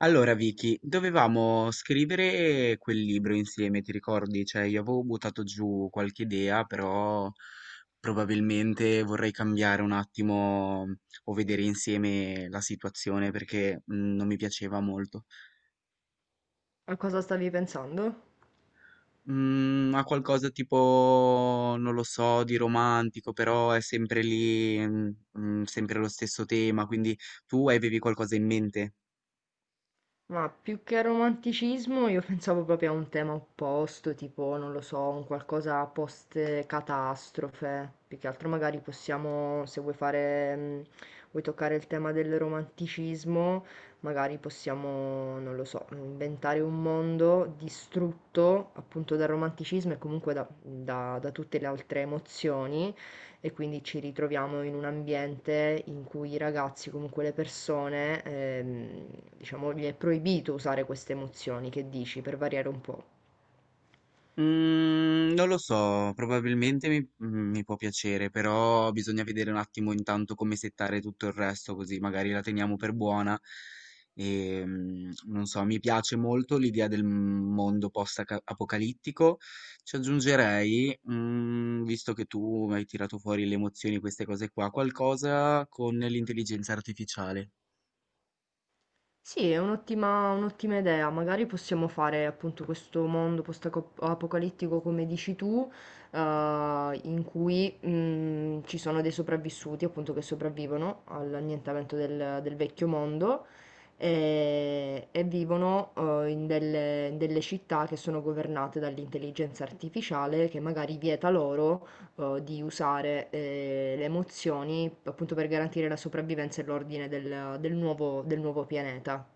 Allora Vicky, dovevamo scrivere quel libro insieme, ti ricordi? Cioè, io avevo buttato giù qualche idea, però probabilmente vorrei cambiare un attimo o vedere insieme la situazione perché non mi piaceva molto. A cosa stavi pensando? Ha qualcosa tipo, non lo so, di romantico, però è sempre lì, sempre lo stesso tema. Quindi tu avevi qualcosa in mente? Ma più che romanticismo, io pensavo proprio a un tema opposto, tipo, non lo so, un qualcosa post-catastrofe. Più che altro magari possiamo, se vuoi fare, vuoi toccare il tema del romanticismo, magari possiamo, non lo so, inventare un mondo distrutto appunto dal romanticismo e comunque da tutte le altre emozioni e quindi ci ritroviamo in un ambiente in cui i ragazzi, comunque le persone, diciamo, gli è proibito usare queste emozioni, che dici, per variare un po'. Mhmm, non lo so. Probabilmente mi può piacere, però bisogna vedere un attimo intanto come settare tutto il resto, così magari la teniamo per buona. Non so, mi piace molto l'idea del mondo post-aca apocalittico. Ci aggiungerei, mhmm, visto che tu hai tirato fuori le emozioni, queste cose qua, qualcosa con l'intelligenza artificiale. Sì, è un'ottima idea, magari possiamo fare appunto questo mondo post-apocalittico come dici tu, eh, in cui ci sono dei sopravvissuti appunto che sopravvivono all'annientamento del vecchio mondo e vivono in in delle città che sono governate dall'intelligenza artificiale che magari vieta loro, di usare le emozioni appunto per garantire la sopravvivenza e l'ordine del del nuovo pianeta.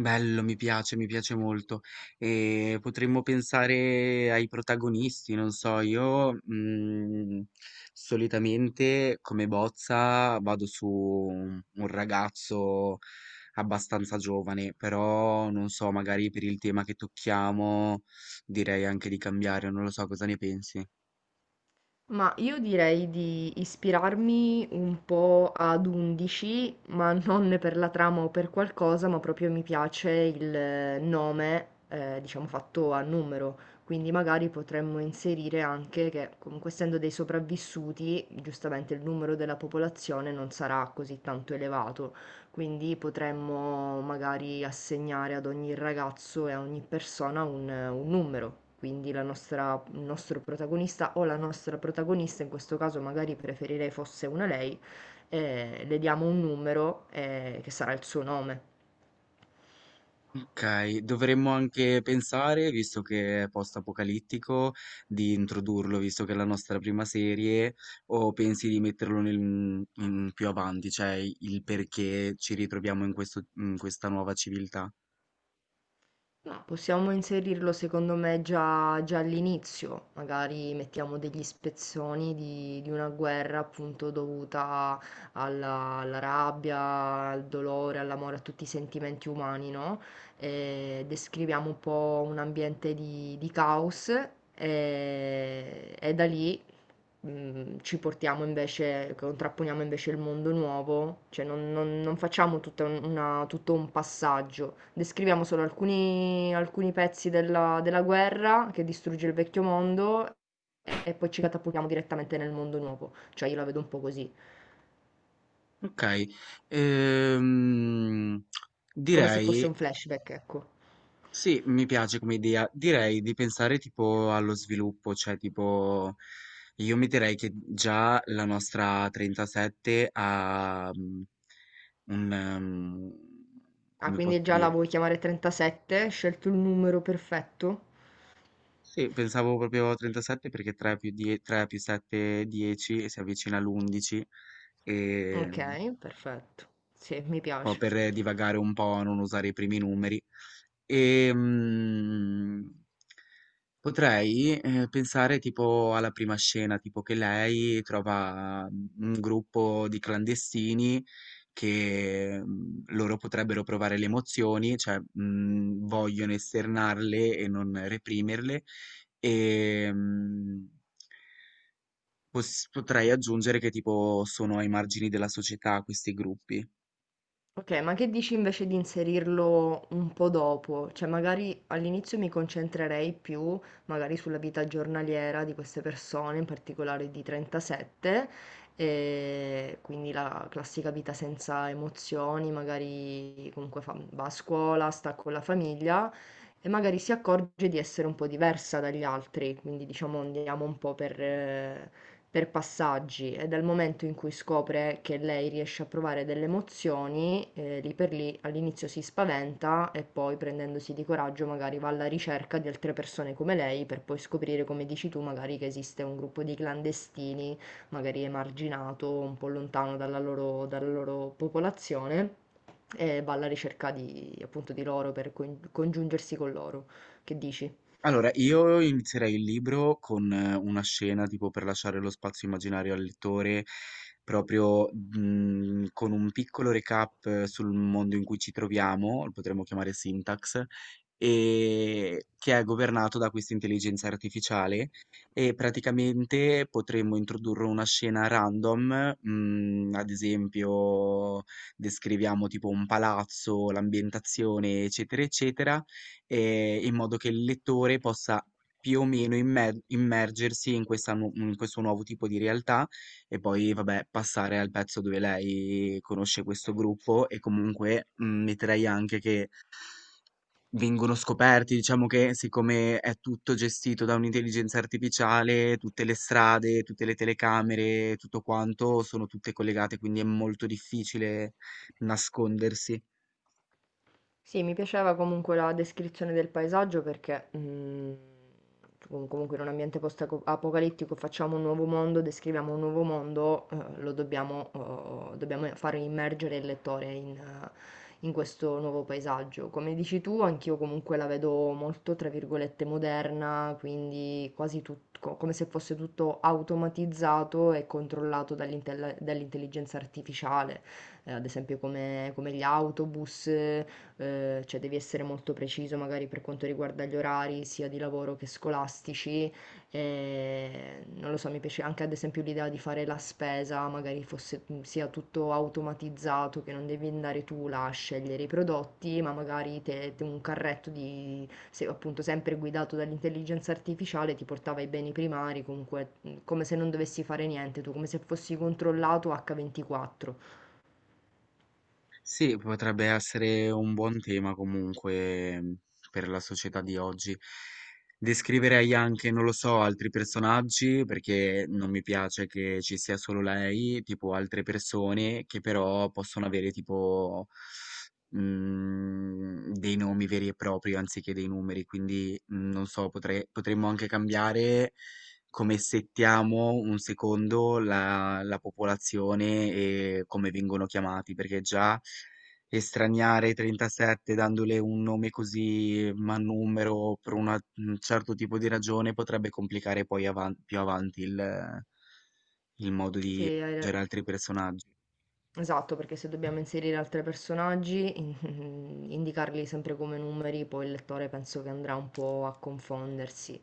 Bello, mi piace molto. Potremmo pensare ai protagonisti, non so, io, mhmm, solitamente come bozza vado su un ragazzo abbastanza giovane, però non so, magari per il tema che tocchiamo direi anche di cambiare, non lo so. Cosa ne pensi? Ma io direi di ispirarmi un po' ad 11, ma non per la trama o per qualcosa, ma proprio mi piace il nome, diciamo fatto a numero. Quindi magari potremmo inserire anche che, comunque essendo dei sopravvissuti, giustamente il numero della popolazione non sarà così tanto elevato. Quindi potremmo magari assegnare ad ogni ragazzo e a ogni persona un numero. Quindi il nostro protagonista o la nostra protagonista, in questo caso magari preferirei fosse una lei, le diamo un numero, che sarà il suo nome. Okay, dovremmo anche pensare, visto che è post-apocalittico, di introdurlo, visto che è la nostra prima serie, o pensi di metterlo in più avanti, cioè il perché ci ritroviamo in questa nuova civiltà? No, possiamo inserirlo secondo me già all'inizio, magari mettiamo degli spezzoni di una guerra appunto dovuta alla rabbia, al dolore, all'amore, a tutti i sentimenti umani, no? Eh, descriviamo un po' un ambiente di caos, e da lì, ci portiamo invece, contrapponiamo invece il mondo nuovo, cioè non facciamo tutto un passaggio, descriviamo solo alcuni pezzi della guerra che distrugge il vecchio mondo e poi ci catapultiamo direttamente nel mondo nuovo, cioè io la vedo un po' così, Okay, ehm, come se fosse direi. un flashback, ecco. Sì, mi piace come idea. Direi di pensare tipo allo sviluppo, cioè tipo io mi direi che già la nostra 37 ha mm, un Ah, come posso quindi già la dire? vuoi chiamare 37? Hai scelto il numero perfetto? Sì, pensavo proprio a 37 perché 3 più 7 è 10 e si avvicina all'11 e Ok, un perfetto. Sì, mi po' piace. per divagare un po', non usare i primi numeri. Ehm, potrei pensare tipo alla prima scena, tipo che lei trova, mhmm, un gruppo di clandestini che, mhmm, loro potrebbero provare le emozioni, cioè, mhmm, vogliono esternarle e non reprimerle. Ehm, pos potrei aggiungere che tipo sono ai margini della società questi gruppi. Ok, ma che dici invece di inserirlo un po' dopo? Cioè, magari all'inizio mi concentrerei più magari sulla vita giornaliera di queste persone, in particolare di 37, e quindi la classica vita senza emozioni, magari comunque va a scuola, sta con la famiglia e magari si accorge di essere un po' diversa dagli altri, quindi diciamo andiamo un po' per passaggi e dal momento in cui scopre che lei riesce a provare delle emozioni, lì per lì all'inizio si spaventa e poi prendendosi di coraggio magari va alla ricerca di altre persone come lei per poi scoprire, come dici tu, magari che esiste un gruppo di clandestini, magari emarginato, un po' lontano dalla loro popolazione e va alla ricerca di, appunto, di loro per congiungersi con loro. Che dici? Allora, io inizierei il libro con una scena tipo per lasciare lo spazio immaginario al lettore, proprio con un piccolo recap sul mondo in cui ci troviamo. Lo potremmo chiamare syntax, e che è governato da questa intelligenza artificiale. E praticamente potremmo introdurre una scena random, ad esempio descriviamo tipo un palazzo, l'ambientazione, eccetera, eccetera. In modo che il lettore possa più o meno immergersi in questa nu in questo nuovo tipo di realtà. E poi, vabbè, passare al pezzo dove lei conosce questo gruppo e comunque, mhmm, metterei anche che vengono scoperti, diciamo che siccome è tutto gestito da un'intelligenza artificiale, tutte le strade, tutte le telecamere, tutto quanto sono tutte collegate, quindi è molto difficile nascondersi. Sì, mi piaceva comunque la descrizione del paesaggio perché, comunque in un ambiente post-apocalittico facciamo un nuovo mondo, descriviamo un nuovo mondo, lo dobbiamo, oh, dobbiamo fare immergere il lettore in, in questo nuovo paesaggio. Come dici tu, anch'io comunque la vedo molto, tra virgolette, moderna, quindi quasi come se fosse tutto automatizzato e controllato dall'intelligenza artificiale. Ad esempio come gli autobus, cioè devi essere molto preciso magari per quanto riguarda gli orari sia di lavoro che scolastici, non lo so, mi piace anche ad esempio l'idea di fare la spesa, magari fosse, sia tutto automatizzato, che non devi andare tu là a scegliere i prodotti, ma magari te un carretto di se appunto sempre guidato dall'intelligenza artificiale ti portava ai beni primari, comunque, come se non dovessi fare niente tu, come se fossi controllato H24. Sì, potrebbe essere un buon tema comunque, mhmm, per la società di oggi. Descriverei anche, non lo so, altri personaggi, perché non mi piace che ci sia solo lei, tipo altre persone che però possono avere tipo, mhmm, dei nomi veri e propri anziché dei numeri. Quindi, mhmm, non so, potremmo anche cambiare come settiamo un secondo la popolazione e come vengono chiamati, perché già estraniare 37 dandole un nome così ma numero per un certo tipo di ragione potrebbe complicare poi più avanti il modo Sì, di aggiungere altri personaggi. esatto, perché se dobbiamo inserire altri personaggi, indicarli sempre come numeri, poi il lettore penso che andrà un po' a confondersi.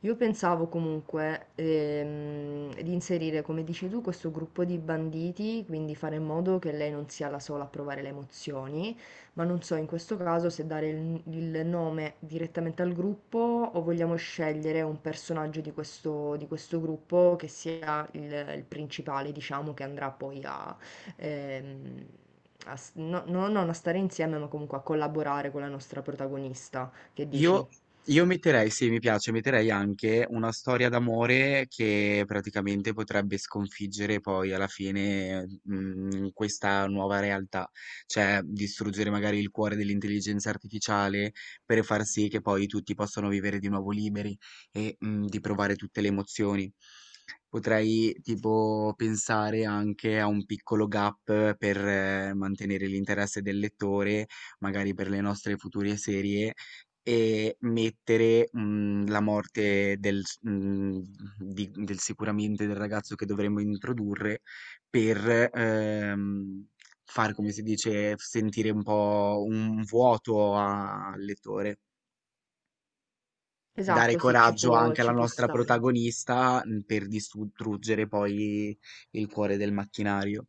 Io pensavo comunque, di inserire, come dici tu, questo gruppo di banditi, quindi fare in modo che lei non sia la sola a provare le emozioni, ma non so in questo caso se dare il nome direttamente al gruppo o vogliamo scegliere un personaggio di questo gruppo che sia il principale, diciamo, che andrà poi a, ehm, non a stare insieme, ma comunque a collaborare con la nostra protagonista. Che dici? Io, io metterei, sì, mi piace, metterei anche una storia d'amore che praticamente potrebbe sconfiggere poi alla fine, questa nuova realtà, cioè distruggere magari il cuore dell'intelligenza artificiale per far sì che poi tutti possano vivere di nuovo liberi e, di provare tutte le emozioni. Potrei tipo pensare anche a un piccolo gap per mantenere l'interesse del lettore, magari per le nostre future serie. E mettere, mhmm, la morte del s mhmm, di del sicuramente del ragazzo che dovremmo introdurre per, far, come si dice, sentire un po' un vuoto a al lettore. Dare Esatto, sì, coraggio anche alla ci può nostra stare. protagonista, mhmm, per distruggere poi il cuore del macchinario.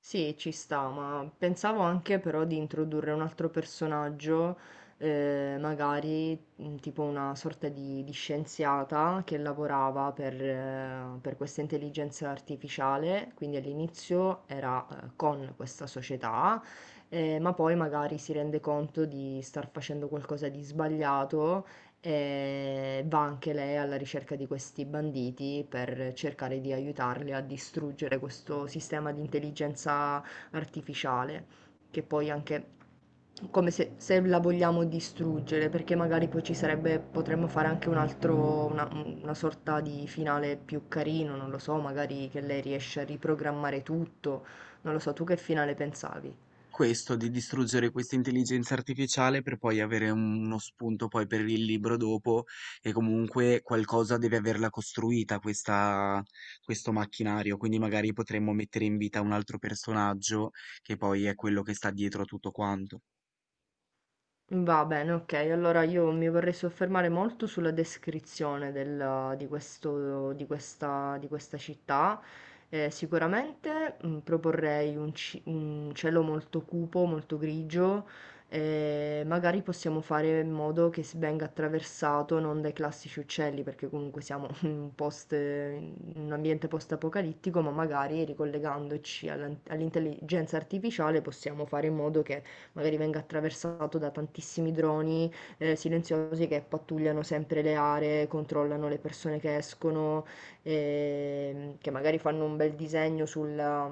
Sì, ci sta, ma pensavo anche però di introdurre un altro personaggio, magari tipo una sorta di scienziata che lavorava per questa intelligenza artificiale, quindi all'inizio era con questa società, ma poi magari si rende conto di star facendo qualcosa di sbagliato e va anche lei alla ricerca di questi banditi per cercare di aiutarli a distruggere questo sistema di intelligenza artificiale, che poi anche come se la vogliamo distruggere, perché magari poi ci sarebbe, potremmo fare anche un altro, una sorta di finale più carino, non lo so, magari che lei riesce a riprogrammare tutto, non lo so, tu che finale pensavi? Questo, di distruggere questa intelligenza artificiale per poi avere uno spunto poi per il libro dopo. E comunque qualcosa deve averla costruita questo macchinario, quindi magari potremmo mettere in vita un altro personaggio che poi è quello che sta dietro a tutto quanto. Va bene, ok. Allora io mi vorrei soffermare molto sulla descrizione di questa città. Sicuramente proporrei un cielo molto cupo, molto grigio. Eh, magari possiamo fare in modo che si venga attraversato non dai classici uccelli, perché comunque siamo in un in un ambiente post-apocalittico, ma magari ricollegandoci all'intelligenza artificiale possiamo fare in modo che magari venga attraversato da tantissimi droni, silenziosi che pattugliano sempre le aree, controllano le persone che escono, che magari fanno un bel disegno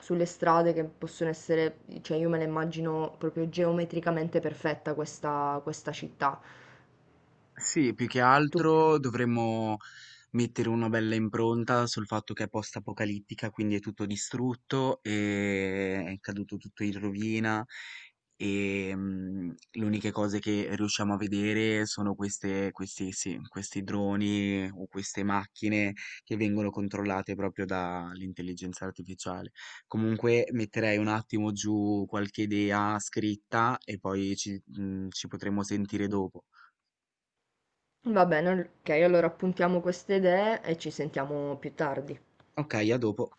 sulle strade che possono essere, cioè io me la immagino proprio geometricamente perfetta questa, questa città. Sì, più che Tu- altro dovremmo mettere una bella impronta sul fatto che è post-apocalittica, quindi è tutto distrutto, e è caduto tutto in rovina e le uniche cose che riusciamo a vedere sono questi, sì, questi droni o queste macchine che vengono controllate proprio dall'intelligenza artificiale. Comunque metterei un attimo giù qualche idea scritta e poi ci potremo sentire dopo. Va bene, ok, allora appuntiamo queste idee e ci sentiamo più tardi. Ok, a dopo.